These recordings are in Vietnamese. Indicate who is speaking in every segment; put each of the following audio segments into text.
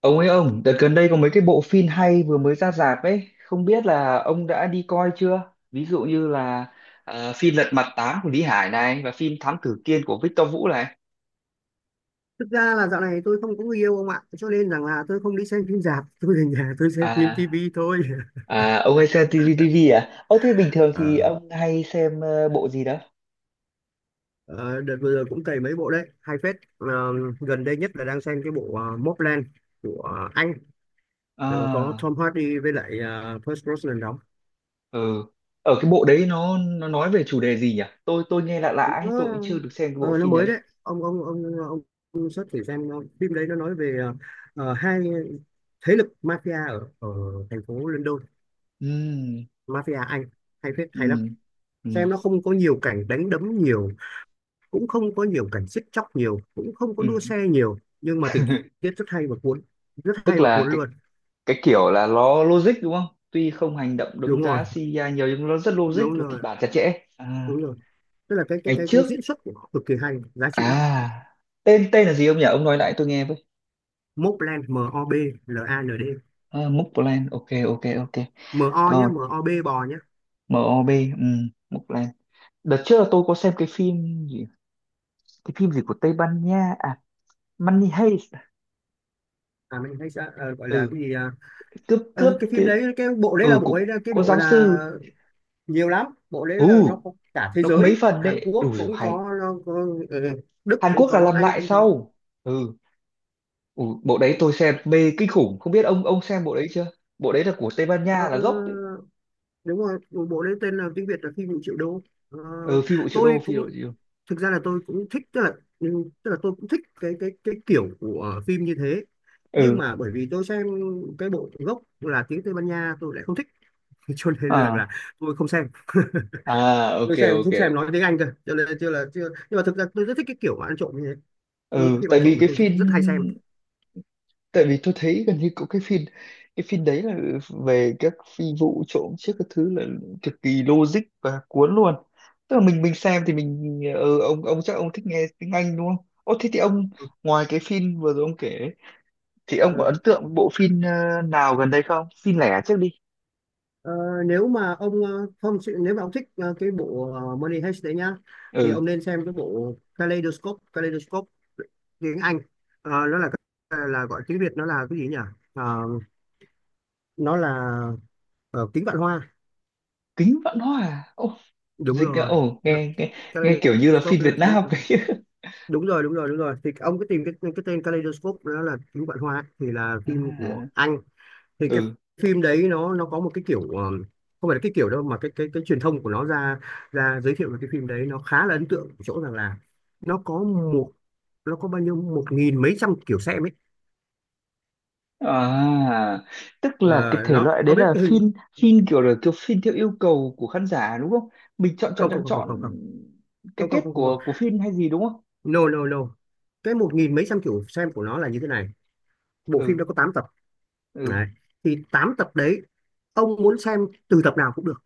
Speaker 1: Ông ấy ông, đợt gần đây có mấy cái bộ phim hay vừa mới ra rạp ấy, không biết là ông đã đi coi chưa? Ví dụ như là phim Lật Mặt 8 của Lý Hải này và phim Thám Tử Kiên của Victor Vũ này.
Speaker 2: Thực ra là dạo này tôi không có người yêu ông ạ, cho nên rằng là tôi không đi xem phim rạp, tôi về nhà tôi xem phim
Speaker 1: À,
Speaker 2: tivi thôi.
Speaker 1: à ông hay xem TV à? Ơ thế bình thường thì
Speaker 2: Ờ,
Speaker 1: ông hay xem bộ gì đó?
Speaker 2: ờ, đợt vừa rồi cũng cày mấy bộ đấy hay phết. Ờ, Gần đây nhất là đang xem cái bộ Mobland của Anh. Có
Speaker 1: À,
Speaker 2: Tom Hardy với lại Pierce Brosnan đóng.
Speaker 1: ừ. Ở cái bộ đấy nó nói về chủ đề gì nhỉ? Tôi nghe lạ lạ ấy,
Speaker 2: nó
Speaker 1: tôi cũng chưa được xem cái bộ
Speaker 2: ờ, nó
Speaker 1: phim
Speaker 2: mới
Speaker 1: đấy.
Speaker 2: đấy. ông ông ông ông, ông search thử xem phim đấy nó nói về hai thế lực mafia ở ở thành phố London,
Speaker 1: Ừ,
Speaker 2: mafia Anh, hay phết hay lắm.
Speaker 1: ừ, ừ,
Speaker 2: Xem nó không có nhiều cảnh đánh đấm nhiều, cũng không có nhiều cảnh giết chóc nhiều, cũng không có
Speaker 1: ừ.
Speaker 2: đua xe nhiều, nhưng mà tình tiết rất hay và cuốn, rất hay
Speaker 1: Tức
Speaker 2: và
Speaker 1: là
Speaker 2: cuốn
Speaker 1: cái
Speaker 2: luôn.
Speaker 1: cái kiểu là nó logic đúng không, tuy không hành động đấm
Speaker 2: Đúng rồi,
Speaker 1: đá CGI nhiều nhưng nó rất logic
Speaker 2: đúng
Speaker 1: và
Speaker 2: rồi,
Speaker 1: kịch bản chặt chẽ à,
Speaker 2: đúng rồi, tức là cái cái
Speaker 1: ngày
Speaker 2: cái cái
Speaker 1: trước
Speaker 2: diễn xuất của nó cực kỳ hay, giá trị lắm.
Speaker 1: à, tên tên là gì ông nhỉ, ông nói lại tôi nghe với.
Speaker 2: Mobland. M O B L A N D.
Speaker 1: À, Mobland, ok ok ok,
Speaker 2: M O nhá,
Speaker 1: rồi
Speaker 2: M O B bò nhá.
Speaker 1: MOB, ừ, Mobland. Đợt trước là tôi có xem cái phim gì, cái phim gì của Tây Ban Nha à, Money Heist à?
Speaker 2: À, mình hay sẽ gọi là
Speaker 1: Ừ,
Speaker 2: cái gì à?
Speaker 1: cướp cướp
Speaker 2: Cái phim
Speaker 1: ti-,
Speaker 2: đấy, cái bộ đấy là
Speaker 1: ừ
Speaker 2: bộ
Speaker 1: cũng
Speaker 2: ấy, cái
Speaker 1: có
Speaker 2: bộ
Speaker 1: giáo
Speaker 2: là
Speaker 1: sư,
Speaker 2: nhiều lắm, bộ đấy
Speaker 1: ừ
Speaker 2: là nó có cả thế
Speaker 1: nó có mấy
Speaker 2: giới.
Speaker 1: phần
Speaker 2: Hàn
Speaker 1: đấy đủ
Speaker 2: Quốc
Speaker 1: rồi
Speaker 2: cũng
Speaker 1: hay,
Speaker 2: có, nó có Đức
Speaker 1: Hàn
Speaker 2: cũng
Speaker 1: Quốc là
Speaker 2: có,
Speaker 1: làm
Speaker 2: Anh
Speaker 1: lại
Speaker 2: cũng có.
Speaker 1: sau. Ừ. Ủa, bộ đấy tôi xem mê kinh khủng, không biết ông xem bộ đấy chưa, bộ đấy là của Tây Ban
Speaker 2: Ờ,
Speaker 1: Nha là gốc đấy.
Speaker 2: Đúng rồi, một bộ lấy tên là tiếng Việt là phim 1 triệu đô. Ờ,
Speaker 1: Ừ, phi vụ triệu
Speaker 2: tôi
Speaker 1: đô, phi
Speaker 2: cũng
Speaker 1: vụ triệu đô,
Speaker 2: thực ra là tôi cũng thích, tức là ừ, tức là tôi cũng thích cái kiểu của phim như thế. Nhưng
Speaker 1: ừ.
Speaker 2: mà bởi vì tôi xem cái bộ gốc là tiếng Tây Ban Nha tôi lại không thích. Cho nên là
Speaker 1: À,
Speaker 2: tôi không xem.
Speaker 1: à,
Speaker 2: tôi
Speaker 1: ok
Speaker 2: xem
Speaker 1: ok
Speaker 2: tôi xem nói
Speaker 1: ok.
Speaker 2: tiếng Anh cơ, cho nên là chưa, là chưa. Nhưng mà thực ra tôi rất thích cái kiểu mà ăn trộm như thế, những
Speaker 1: Ừ,
Speaker 2: phim
Speaker 1: tại
Speaker 2: ăn trộm
Speaker 1: vì
Speaker 2: mà
Speaker 1: cái
Speaker 2: tôi
Speaker 1: phim,
Speaker 2: rất hay xem.
Speaker 1: tại vì tôi thấy gần như cũng cái phim, cái phim đấy là về các phi vụ trộm chiếc các thứ là cực kỳ logic và cuốn luôn. Tức là mình xem thì mình, ừ, ông chắc ông thích nghe tiếng Anh đúng không? Ô thế thì ông, ngoài cái phim vừa rồi ông kể ấy, thì ông có
Speaker 2: Ừ.
Speaker 1: ấn tượng bộ phim nào gần đây không, phim lẻ trước đi.
Speaker 2: Ờ, nếu mà ông ờ, Không, nếu mà ông thích cái bộ Money Heist đấy nhá, thì
Speaker 1: Ừ,
Speaker 2: ông nên xem cái bộ Kaleidoscope. Kaleidoscope tiếng Anh. Ờ, nó là gọi tiếng Việt nó là cái gì nhỉ? Ờ, nó là kính vạn hoa.
Speaker 1: Kính Vạn Hoa. Ồ,
Speaker 2: Đúng
Speaker 1: dịch là
Speaker 2: rồi.
Speaker 1: ồ,
Speaker 2: Nó-
Speaker 1: nghe, nghe, nghe kiểu như là
Speaker 2: Kaleidoscope
Speaker 1: phim
Speaker 2: nó là
Speaker 1: Việt
Speaker 2: kính,
Speaker 1: Nam ấy
Speaker 2: đúng rồi, đúng rồi, đúng rồi, thì ông cứ tìm cái tên Kaleidoscope, nó là kính vạn hoa, thì là phim của
Speaker 1: à,
Speaker 2: Anh. Thì cái
Speaker 1: ừ,
Speaker 2: phim đấy nó có một cái kiểu, không phải là cái kiểu đâu, mà cái truyền thông của nó ra ra giới thiệu về cái phim đấy nó khá là ấn tượng ở chỗ rằng là nó có một nó có bao nhiêu một nghìn mấy trăm kiểu xem ấy.
Speaker 1: à tức
Speaker 2: Ờ,
Speaker 1: là cái thể
Speaker 2: nó,
Speaker 1: loại đấy
Speaker 2: ông biết
Speaker 1: là
Speaker 2: cái hình.
Speaker 1: phim, phim kiểu là kiểu phim theo yêu cầu của khán giả đúng không, mình chọn chọn
Speaker 2: Không, không,
Speaker 1: chọn
Speaker 2: không, không, không,
Speaker 1: chọn
Speaker 2: không,
Speaker 1: cái
Speaker 2: không, không,
Speaker 1: kết
Speaker 2: không, không, không.
Speaker 1: của phim hay gì đúng không.
Speaker 2: No no no. Cái một nghìn mấy trăm kiểu xem của nó là như thế này. Bộ phim
Speaker 1: Ừ
Speaker 2: nó có 8 tập
Speaker 1: ừ
Speaker 2: đấy. Thì 8 tập đấy, ông muốn xem từ tập nào cũng được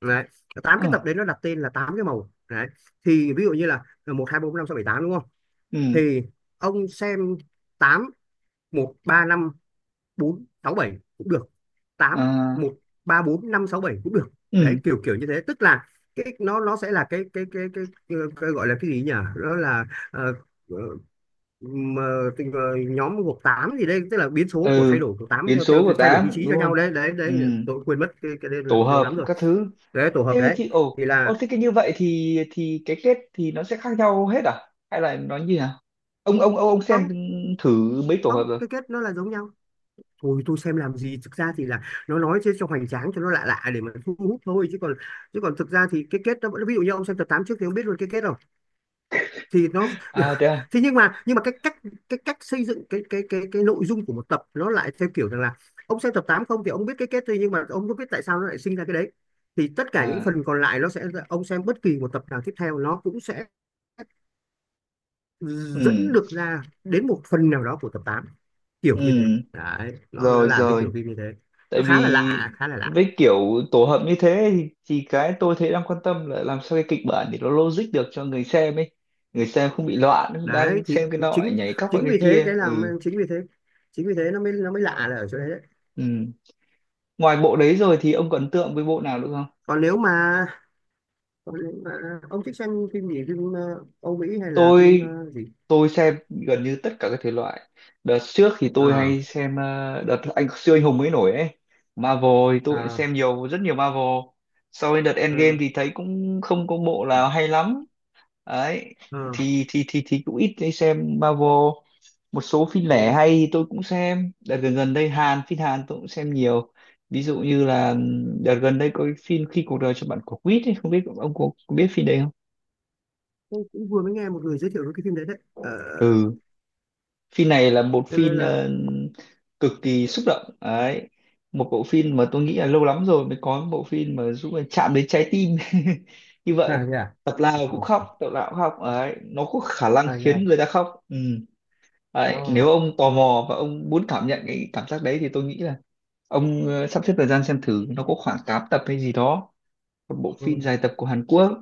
Speaker 2: đấy. 8
Speaker 1: ừ
Speaker 2: cái tập đấy nó đặt tên là 8 cái màu đấy. Thì ví dụ như là 1 2 3, 4, 5, 6, 7, 8, đúng không?
Speaker 1: ừ,
Speaker 2: Thì ông xem 8 1 3 5 4 6 7 cũng được, tám
Speaker 1: à,
Speaker 2: một ba bốn năm sáu bảy cũng được. Đấy,
Speaker 1: ừ
Speaker 2: kiểu kiểu như thế, tức là cái nó sẽ là cái gọi là cái gì nhỉ, đó là ờ, ờ, mà tình- ờ, nhóm gộp 8 gì đây, tức là biến số của
Speaker 1: ừ,
Speaker 2: thay đổi của tám
Speaker 1: biến
Speaker 2: theo,
Speaker 1: số của
Speaker 2: thay đổi vị
Speaker 1: tám
Speaker 2: trí
Speaker 1: đúng
Speaker 2: cho
Speaker 1: không.
Speaker 2: nhau, đấy đấy
Speaker 1: Ừ,
Speaker 2: đấy, tôi quên mất cái đây,
Speaker 1: tổ
Speaker 2: học lâu lắm
Speaker 1: hợp
Speaker 2: rồi.
Speaker 1: các thứ.
Speaker 2: Đấy, tổ hợp
Speaker 1: Thế
Speaker 2: đấy.
Speaker 1: thì ồ
Speaker 2: Thì
Speaker 1: ồ,
Speaker 2: là
Speaker 1: thế cái như vậy thì cái kết thì nó sẽ khác nhau hết à, hay là nó như nào? Ông xem
Speaker 2: không.
Speaker 1: thử mấy tổ hợp
Speaker 2: Không,
Speaker 1: rồi.
Speaker 2: cái kết nó là giống nhau. Thôi tôi xem làm gì, thực ra thì là nó nói chứ cho hoành tráng, cho nó lạ lạ để mà thu hút thôi, chứ còn thực ra thì cái kết nó vẫn, ví dụ như ông xem tập 8 trước thì ông biết luôn cái kết rồi, thì nó
Speaker 1: À thế à,
Speaker 2: thế nhưng mà cái cách xây dựng cái nội dung của một tập nó lại theo kiểu rằng là ông xem tập 8 không thì ông biết cái kết thôi, nhưng mà ông không biết tại sao nó lại sinh ra cái đấy, thì tất cả những
Speaker 1: à,
Speaker 2: phần còn lại nó sẽ, ông xem bất kỳ một tập nào tiếp theo nó cũng sẽ dẫn
Speaker 1: ừ,
Speaker 2: được ra đến một phần nào đó của tập tám, kiểu như thế.
Speaker 1: ừ,
Speaker 2: Đấy, nó
Speaker 1: rồi
Speaker 2: làm cái
Speaker 1: rồi.
Speaker 2: kiểu phim như thế,
Speaker 1: Tại
Speaker 2: nó khá là
Speaker 1: vì
Speaker 2: lạ, khá là lạ.
Speaker 1: với kiểu tổ hợp như thế thì cái tôi thấy đang quan tâm là làm sao cái kịch bản để nó logic được cho người xem ấy, người xem không bị loạn đang
Speaker 2: Đấy, thì
Speaker 1: xem cái nọ lại
Speaker 2: chính
Speaker 1: nhảy cóc qua
Speaker 2: chính
Speaker 1: cái
Speaker 2: vì thế
Speaker 1: kia.
Speaker 2: cái làm
Speaker 1: Ừ,
Speaker 2: chính vì thế, chính vì thế nó mới lạ là ở chỗ đấy đấy.
Speaker 1: ừ, ngoài bộ đấy rồi thì ông có ấn tượng với bộ nào nữa không?
Speaker 2: còn nếu mà, Còn nếu mà ông thích xem phim gì, phim Âu Mỹ, hay là phim
Speaker 1: tôi
Speaker 2: gì.
Speaker 1: tôi xem gần như tất cả các thể loại. Đợt trước thì tôi
Speaker 2: ờ
Speaker 1: hay xem đợt anh siêu anh hùng mới nổi ấy, Marvel, thì tôi cũng
Speaker 2: ờ
Speaker 1: xem nhiều, rất nhiều Marvel. Sau đến đợt
Speaker 2: ờ
Speaker 1: Endgame thì thấy cũng không có bộ nào hay lắm, đấy,
Speaker 2: ờ
Speaker 1: thì cũng ít đi xem Marvel. Một số phim
Speaker 2: ờ.
Speaker 1: lẻ hay thì tôi cũng xem, đợt gần gần đây Hàn, phim Hàn tôi cũng xem nhiều. Ví dụ như là đợt gần đây có cái phim khi cuộc đời cho bạn quả quýt ấy, không biết ông có biết phim đấy không?
Speaker 2: Tôi cũng vừa mới nghe một người giới thiệu cái phim đấy đấy,
Speaker 1: Ừ, phim này là một
Speaker 2: cho nên
Speaker 1: phim
Speaker 2: là
Speaker 1: cực kỳ xúc động đấy, một bộ phim mà tôi nghĩ là lâu lắm rồi mới có một bộ phim mà giúp mình chạm đến trái tim như
Speaker 2: à
Speaker 1: vậy.
Speaker 2: thế à,
Speaker 1: Tập nào cũng
Speaker 2: à,
Speaker 1: khóc, tập nào cũng khóc đấy, nó có khả năng
Speaker 2: à thế à.
Speaker 1: khiến người ta khóc. Ừ.
Speaker 2: Ờ,
Speaker 1: Đấy, nếu ông tò mò và ông muốn cảm nhận cái cảm giác đấy thì tôi nghĩ là ông sắp xếp thời gian xem thử, nó có khoảng 8 tập hay gì đó, một bộ phim
Speaker 2: ừ.
Speaker 1: dài tập của Hàn Quốc,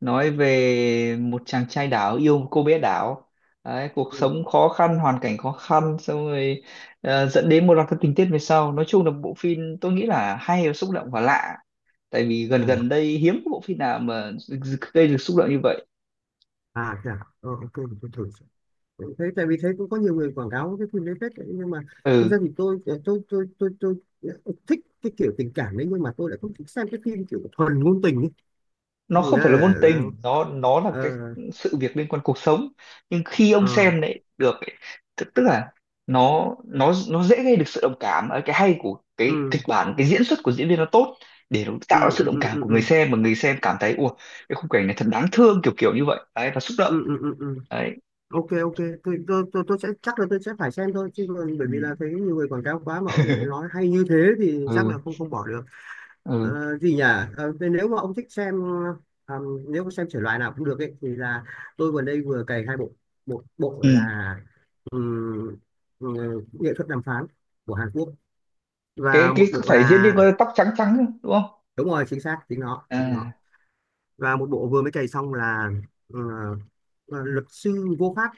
Speaker 1: nói về một chàng trai đảo yêu một cô bé đảo. Đấy, cuộc
Speaker 2: Ừ.
Speaker 1: sống khó khăn hoàn cảnh khó khăn xong rồi dẫn đến một loạt các tình tiết về sau, nói chung là bộ phim tôi nghĩ là hay và xúc động và lạ, tại vì gần
Speaker 2: À,
Speaker 1: gần đây hiếm có bộ phim nào mà gây được xúc động như vậy.
Speaker 2: à thế à. Ờ, ok, mình thử. Thế tại vì thấy cũng có nhiều người quảng cáo cái phim đấy phết đấy. Nhưng mà thực ra
Speaker 1: Ừ,
Speaker 2: thì tôi thích cái kiểu tình cảm đấy, nhưng mà tôi lại không thích xem cái phim kiểu thuần ngôn tình ấy.
Speaker 1: nó
Speaker 2: Nghĩa
Speaker 1: không
Speaker 2: là
Speaker 1: phải là
Speaker 2: là-
Speaker 1: ngôn
Speaker 2: là,
Speaker 1: tình, nó là cái
Speaker 2: ờ
Speaker 1: sự việc liên quan cuộc sống, nhưng khi ông
Speaker 2: ờ
Speaker 1: xem lại được ấy, tức tức là nó dễ gây được sự đồng cảm ở cái hay của cái
Speaker 2: ừ
Speaker 1: kịch bản, cái diễn xuất của diễn viên nó tốt để nó
Speaker 2: ừ
Speaker 1: tạo ra sự đồng
Speaker 2: ừ
Speaker 1: cảm
Speaker 2: ừ
Speaker 1: của người
Speaker 2: ừ
Speaker 1: xem, mà người xem cảm thấy ủa, cái khung cảnh này thật đáng thương kiểu kiểu như vậy đấy, và xúc động,
Speaker 2: ừ ừ ừ ừ, ừ.
Speaker 1: đấy.
Speaker 2: Ok ok, tôi sẽ, chắc là tôi sẽ phải xem thôi, chứ còn bởi
Speaker 1: Ừ
Speaker 2: vì là thấy nhiều người quảng cáo quá mà ông lại nói hay như thế thì chắc là
Speaker 1: ừ
Speaker 2: không, không bỏ được.
Speaker 1: ừ,
Speaker 2: Gì nhỉ? Thế nếu mà ông thích xem, ờ, nếu mà xem thể loại nào cũng được ấy thì là tôi vừa đây vừa cày 2 bộ, một bộ
Speaker 1: ừ.
Speaker 2: là ừm, ừ, nghệ thuật đàm phán của Hàn Quốc,
Speaker 1: Cái
Speaker 2: và một
Speaker 1: có
Speaker 2: bộ
Speaker 1: phải diễn viên
Speaker 2: là,
Speaker 1: có tóc trắng trắng không, đúng không?
Speaker 2: đúng rồi, chính xác, chính nó chính nó,
Speaker 1: À,
Speaker 2: và một bộ vừa mới cày xong là ờ, luật sư vô pháp.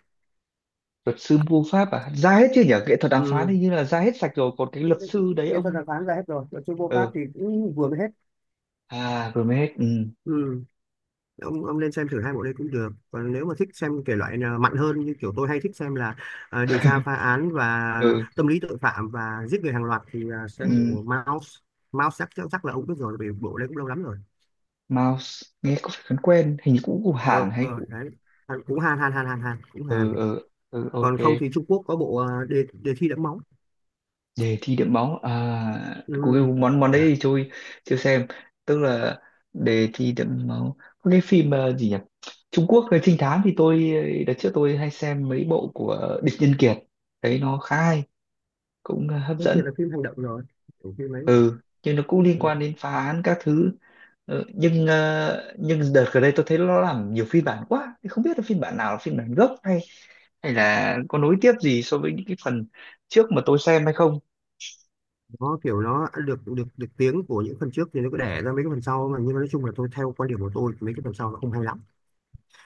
Speaker 1: luật sư mua pháp à, ra hết chưa nhỉ, nghệ thuật đàm phán
Speaker 2: Ừm,
Speaker 1: thì như là ra hết sạch rồi, còn cái luật sư đấy
Speaker 2: Nghệ thuật
Speaker 1: ông?
Speaker 2: đàm phán ra hết rồi, luật sư vô pháp
Speaker 1: Ờ,
Speaker 2: thì cũng vừa mới hết.
Speaker 1: à vừa Hermes, ừ.
Speaker 2: Ông nên xem thử hai bộ đây cũng được, còn nếu mà thích xem thể loại nào mạnh hơn, như kiểu tôi hay thích xem là à, điều tra phá án và
Speaker 1: Ừ,
Speaker 2: tâm lý tội phạm và giết người hàng loạt, thì à, xem bộ
Speaker 1: ừ,
Speaker 2: Mouse. Mouse chắc chắc chắc là ông biết rồi vì bộ đây cũng lâu lắm rồi.
Speaker 1: Mouse nghe có phải quen quen, hình như cũng của Hàn hay
Speaker 2: Ờ,
Speaker 1: của,
Speaker 2: Đấy, Hàn- cũng Hàn Hàn Hàn Hàn Hàn cũng Hàn.
Speaker 1: ừ ừ ừ ok,
Speaker 2: Còn không thì Trung Quốc có bộ à, đề đề thi đẫm máu.
Speaker 1: đề thi đẫm máu à?
Speaker 2: Ừ.
Speaker 1: Google món món đấy
Speaker 2: Đấy.
Speaker 1: thì tôi chưa xem. Tức là đề thi đẫm máu, có cái phim gì nhỉ, Trung Quốc về trinh thám thì tôi, đợt trước tôi hay xem mấy bộ của Địch Nhân Kiệt, đấy nó khá hay, cũng hấp
Speaker 2: Cái
Speaker 1: dẫn,
Speaker 2: kia là phim hành động rồi, kiểu phim ấy rồi.
Speaker 1: nhưng nó cũng liên
Speaker 2: Ừ.
Speaker 1: quan đến phá án các thứ. Ờ, nhưng nhưng đợt gần đây tôi thấy nó làm nhiều phiên bản quá, thì không biết là phiên bản nào là phiên bản gốc, hay hay là có nối tiếp gì so với những cái phần trước mà tôi xem hay không.
Speaker 2: Nó kiểu nó được được được tiếng của những phần trước, thì nó cứ đẻ ra mấy cái phần sau mà, nhưng mà nói chung là tôi, theo quan điểm của tôi, mấy cái phần sau nó không hay lắm,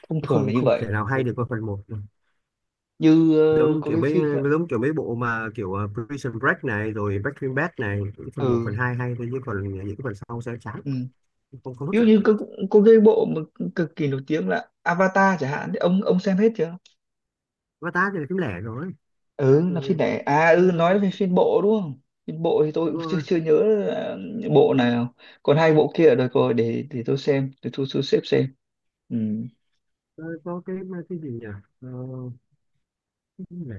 Speaker 1: Thông
Speaker 2: nó
Speaker 1: thường là
Speaker 2: không,
Speaker 1: như
Speaker 2: không thể
Speaker 1: vậy.
Speaker 2: nào hay
Speaker 1: Ừ.
Speaker 2: được qua phần một.
Speaker 1: Như
Speaker 2: giống
Speaker 1: có
Speaker 2: kiểu
Speaker 1: cái
Speaker 2: mấy
Speaker 1: phim,
Speaker 2: Giống kiểu mấy bộ mà kiểu Prison Break này, rồi Breaking Bad này, những phần một phần
Speaker 1: ừ,
Speaker 2: hai hay thôi, nhưng phần những cái phần sau sẽ chán,
Speaker 1: ừ.
Speaker 2: không, không hấp
Speaker 1: Ví dụ
Speaker 2: dẫn.
Speaker 1: như có cái bộ mà cực kỳ nổi tiếng là Avatar chẳng hạn, thì ông xem hết chưa?
Speaker 2: Avatar thì là phim lẻ rồi. Ta
Speaker 1: Ừ
Speaker 2: thì
Speaker 1: là phim đẻ à,
Speaker 2: ờ,
Speaker 1: ừ nói về phim bộ đúng không? Phim bộ thì tôi cũng chưa
Speaker 2: vừa-
Speaker 1: chưa nhớ là bộ nào, còn hai bộ kia ở đời rồi, để tôi xem, để tôi thu xếp xem. Ừ.
Speaker 2: ờ, có cái cái gì nhỉ? Ờ, cái phim lẻ,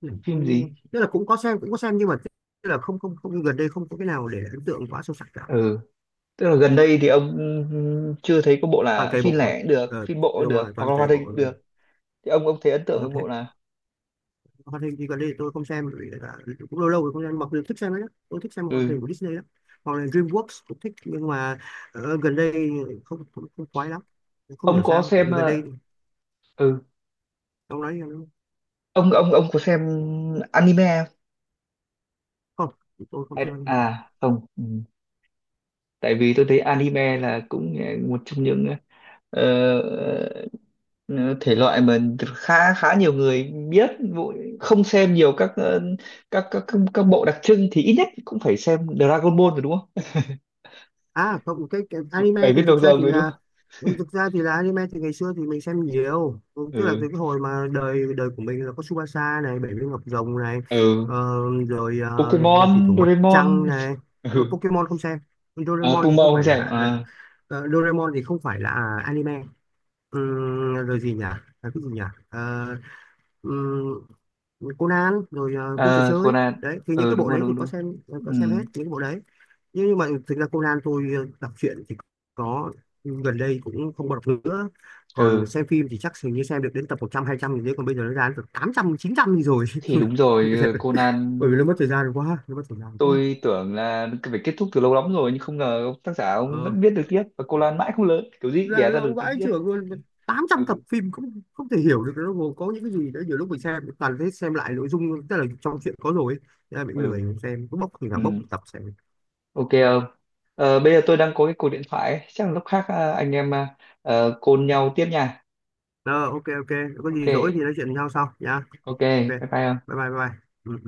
Speaker 2: lẻ
Speaker 1: Phim
Speaker 2: tôi
Speaker 1: gì?
Speaker 2: tức là cũng có xem, cũng có xem, nhưng mà tức là không, không gần đây không có cái nào để ấn tượng quá sâu sắc cả.
Speaker 1: Ừ, tức là gần đây thì ông, ừ, chưa thấy có bộ,
Speaker 2: Toàn
Speaker 1: là
Speaker 2: cày
Speaker 1: phim
Speaker 2: bộ.
Speaker 1: lẻ cũng được,
Speaker 2: ờ
Speaker 1: phim bộ cũng
Speaker 2: Đúng rồi,
Speaker 1: được, hoặc
Speaker 2: toàn
Speaker 1: là
Speaker 2: cày
Speaker 1: hoạt hình
Speaker 2: bộ.
Speaker 1: cũng được, thì ông thấy ấn tượng với bộ nào?
Speaker 2: Hoạt hình thì gần đây thì tôi không xem bởi vì là cũng lâu lâu rồi không xem, mặc dù thích xem đấy. Tôi thích xem hoạt
Speaker 1: Ừ,
Speaker 2: hình của Disney lắm, hoặc là DreamWorks cũng thích, nhưng mà gần đây không, không, không khoái lắm, không
Speaker 1: ông
Speaker 2: hiểu
Speaker 1: có
Speaker 2: sao, tại
Speaker 1: xem
Speaker 2: vì gần đây
Speaker 1: ừ,
Speaker 2: ông nói là
Speaker 1: ông có xem anime không?
Speaker 2: không, tôi không xem
Speaker 1: Hay-
Speaker 2: anime.
Speaker 1: à không, ừ. Tại vì tôi thấy anime là cũng một trong những ờ, Ờ, thể loại mà khá khá nhiều người biết, vụ-, không xem nhiều các các bộ đặc trưng thì ít nhất cũng phải xem Dragon Ball rồi đúng không?
Speaker 2: À không, cái anime
Speaker 1: Bảy
Speaker 2: thì
Speaker 1: viên
Speaker 2: thực
Speaker 1: đầu
Speaker 2: ra
Speaker 1: rồng
Speaker 2: thì
Speaker 1: rồi đúng
Speaker 2: là,
Speaker 1: không?
Speaker 2: anime thì ngày xưa thì mình xem nhiều. Ừ, tức là
Speaker 1: Ừ,
Speaker 2: từ cái hồi mà đời đời của mình là có Tsubasa này, Bảy viên ngọc rồng này,
Speaker 1: ừ,
Speaker 2: ờ, rồi thủy
Speaker 1: Pokemon,
Speaker 2: thủ mặt trăng
Speaker 1: Doraemon,
Speaker 2: này.
Speaker 1: ừ,
Speaker 2: Pokemon không xem,
Speaker 1: à,
Speaker 2: Doraemon thì
Speaker 1: Puma
Speaker 2: không
Speaker 1: không
Speaker 2: phải là
Speaker 1: xem,
Speaker 2: à,
Speaker 1: à,
Speaker 2: Doraemon thì không phải là anime. Rồi gì nhỉ? À, cái gì nhỉ? Ờ, ừm, Conan rồi vua trò
Speaker 1: à,
Speaker 2: chơi
Speaker 1: Conan,
Speaker 2: đấy, thì những
Speaker 1: ừ
Speaker 2: cái
Speaker 1: đúng
Speaker 2: bộ
Speaker 1: rồi,
Speaker 2: đấy
Speaker 1: đúng
Speaker 2: thì có
Speaker 1: đúng,
Speaker 2: xem, có
Speaker 1: ừ,
Speaker 2: xem hết những cái bộ đấy. Nhưng mà thực ra Conan tôi đọc truyện thì có, gần đây cũng không còn đọc nữa, còn
Speaker 1: ừ,
Speaker 2: xem phim thì chắc hình như xem được đến tập 100 200 gì đấy, còn bây giờ nó ra đến tập 800 900 gì rồi.
Speaker 1: thì đúng rồi, Conan,
Speaker 2: Bởi vì nó mất thời gian quá, nó mất thời gian quá.
Speaker 1: tôi tưởng là phải kết thúc từ lâu lắm rồi, nhưng không ngờ ông tác giả ông
Speaker 2: ờ,
Speaker 1: vẫn viết được tiếp, và Conan mãi không lớn, kiểu gì cũng
Speaker 2: là
Speaker 1: đẻ ra
Speaker 2: lâu
Speaker 1: được tình
Speaker 2: vãi
Speaker 1: tiết.
Speaker 2: chưởng luôn, tám trăm tập
Speaker 1: Ừ,
Speaker 2: phim cũng không thể hiểu được nó gồm có những cái gì đấy, nhiều lúc mình xem toàn thấy xem lại nội dung, tức là trong truyện có rồi ấy. Thế là mình cũng
Speaker 1: ừ,
Speaker 2: lười, mình xem cứ bốc thì nào bốc
Speaker 1: ừ.
Speaker 2: một tập xem.
Speaker 1: Ok ông. Ờ, bây giờ tôi đang có cái cuộc điện thoại ấy. Chắc là lúc khác anh em call nhau tiếp nha.
Speaker 2: Ờ, ok ok, có
Speaker 1: Ok,
Speaker 2: gì rỗi thì nói chuyện với nhau sau nha. Ok,
Speaker 1: ok,
Speaker 2: bye
Speaker 1: bye bye ông.
Speaker 2: bye bye bye. Ừ.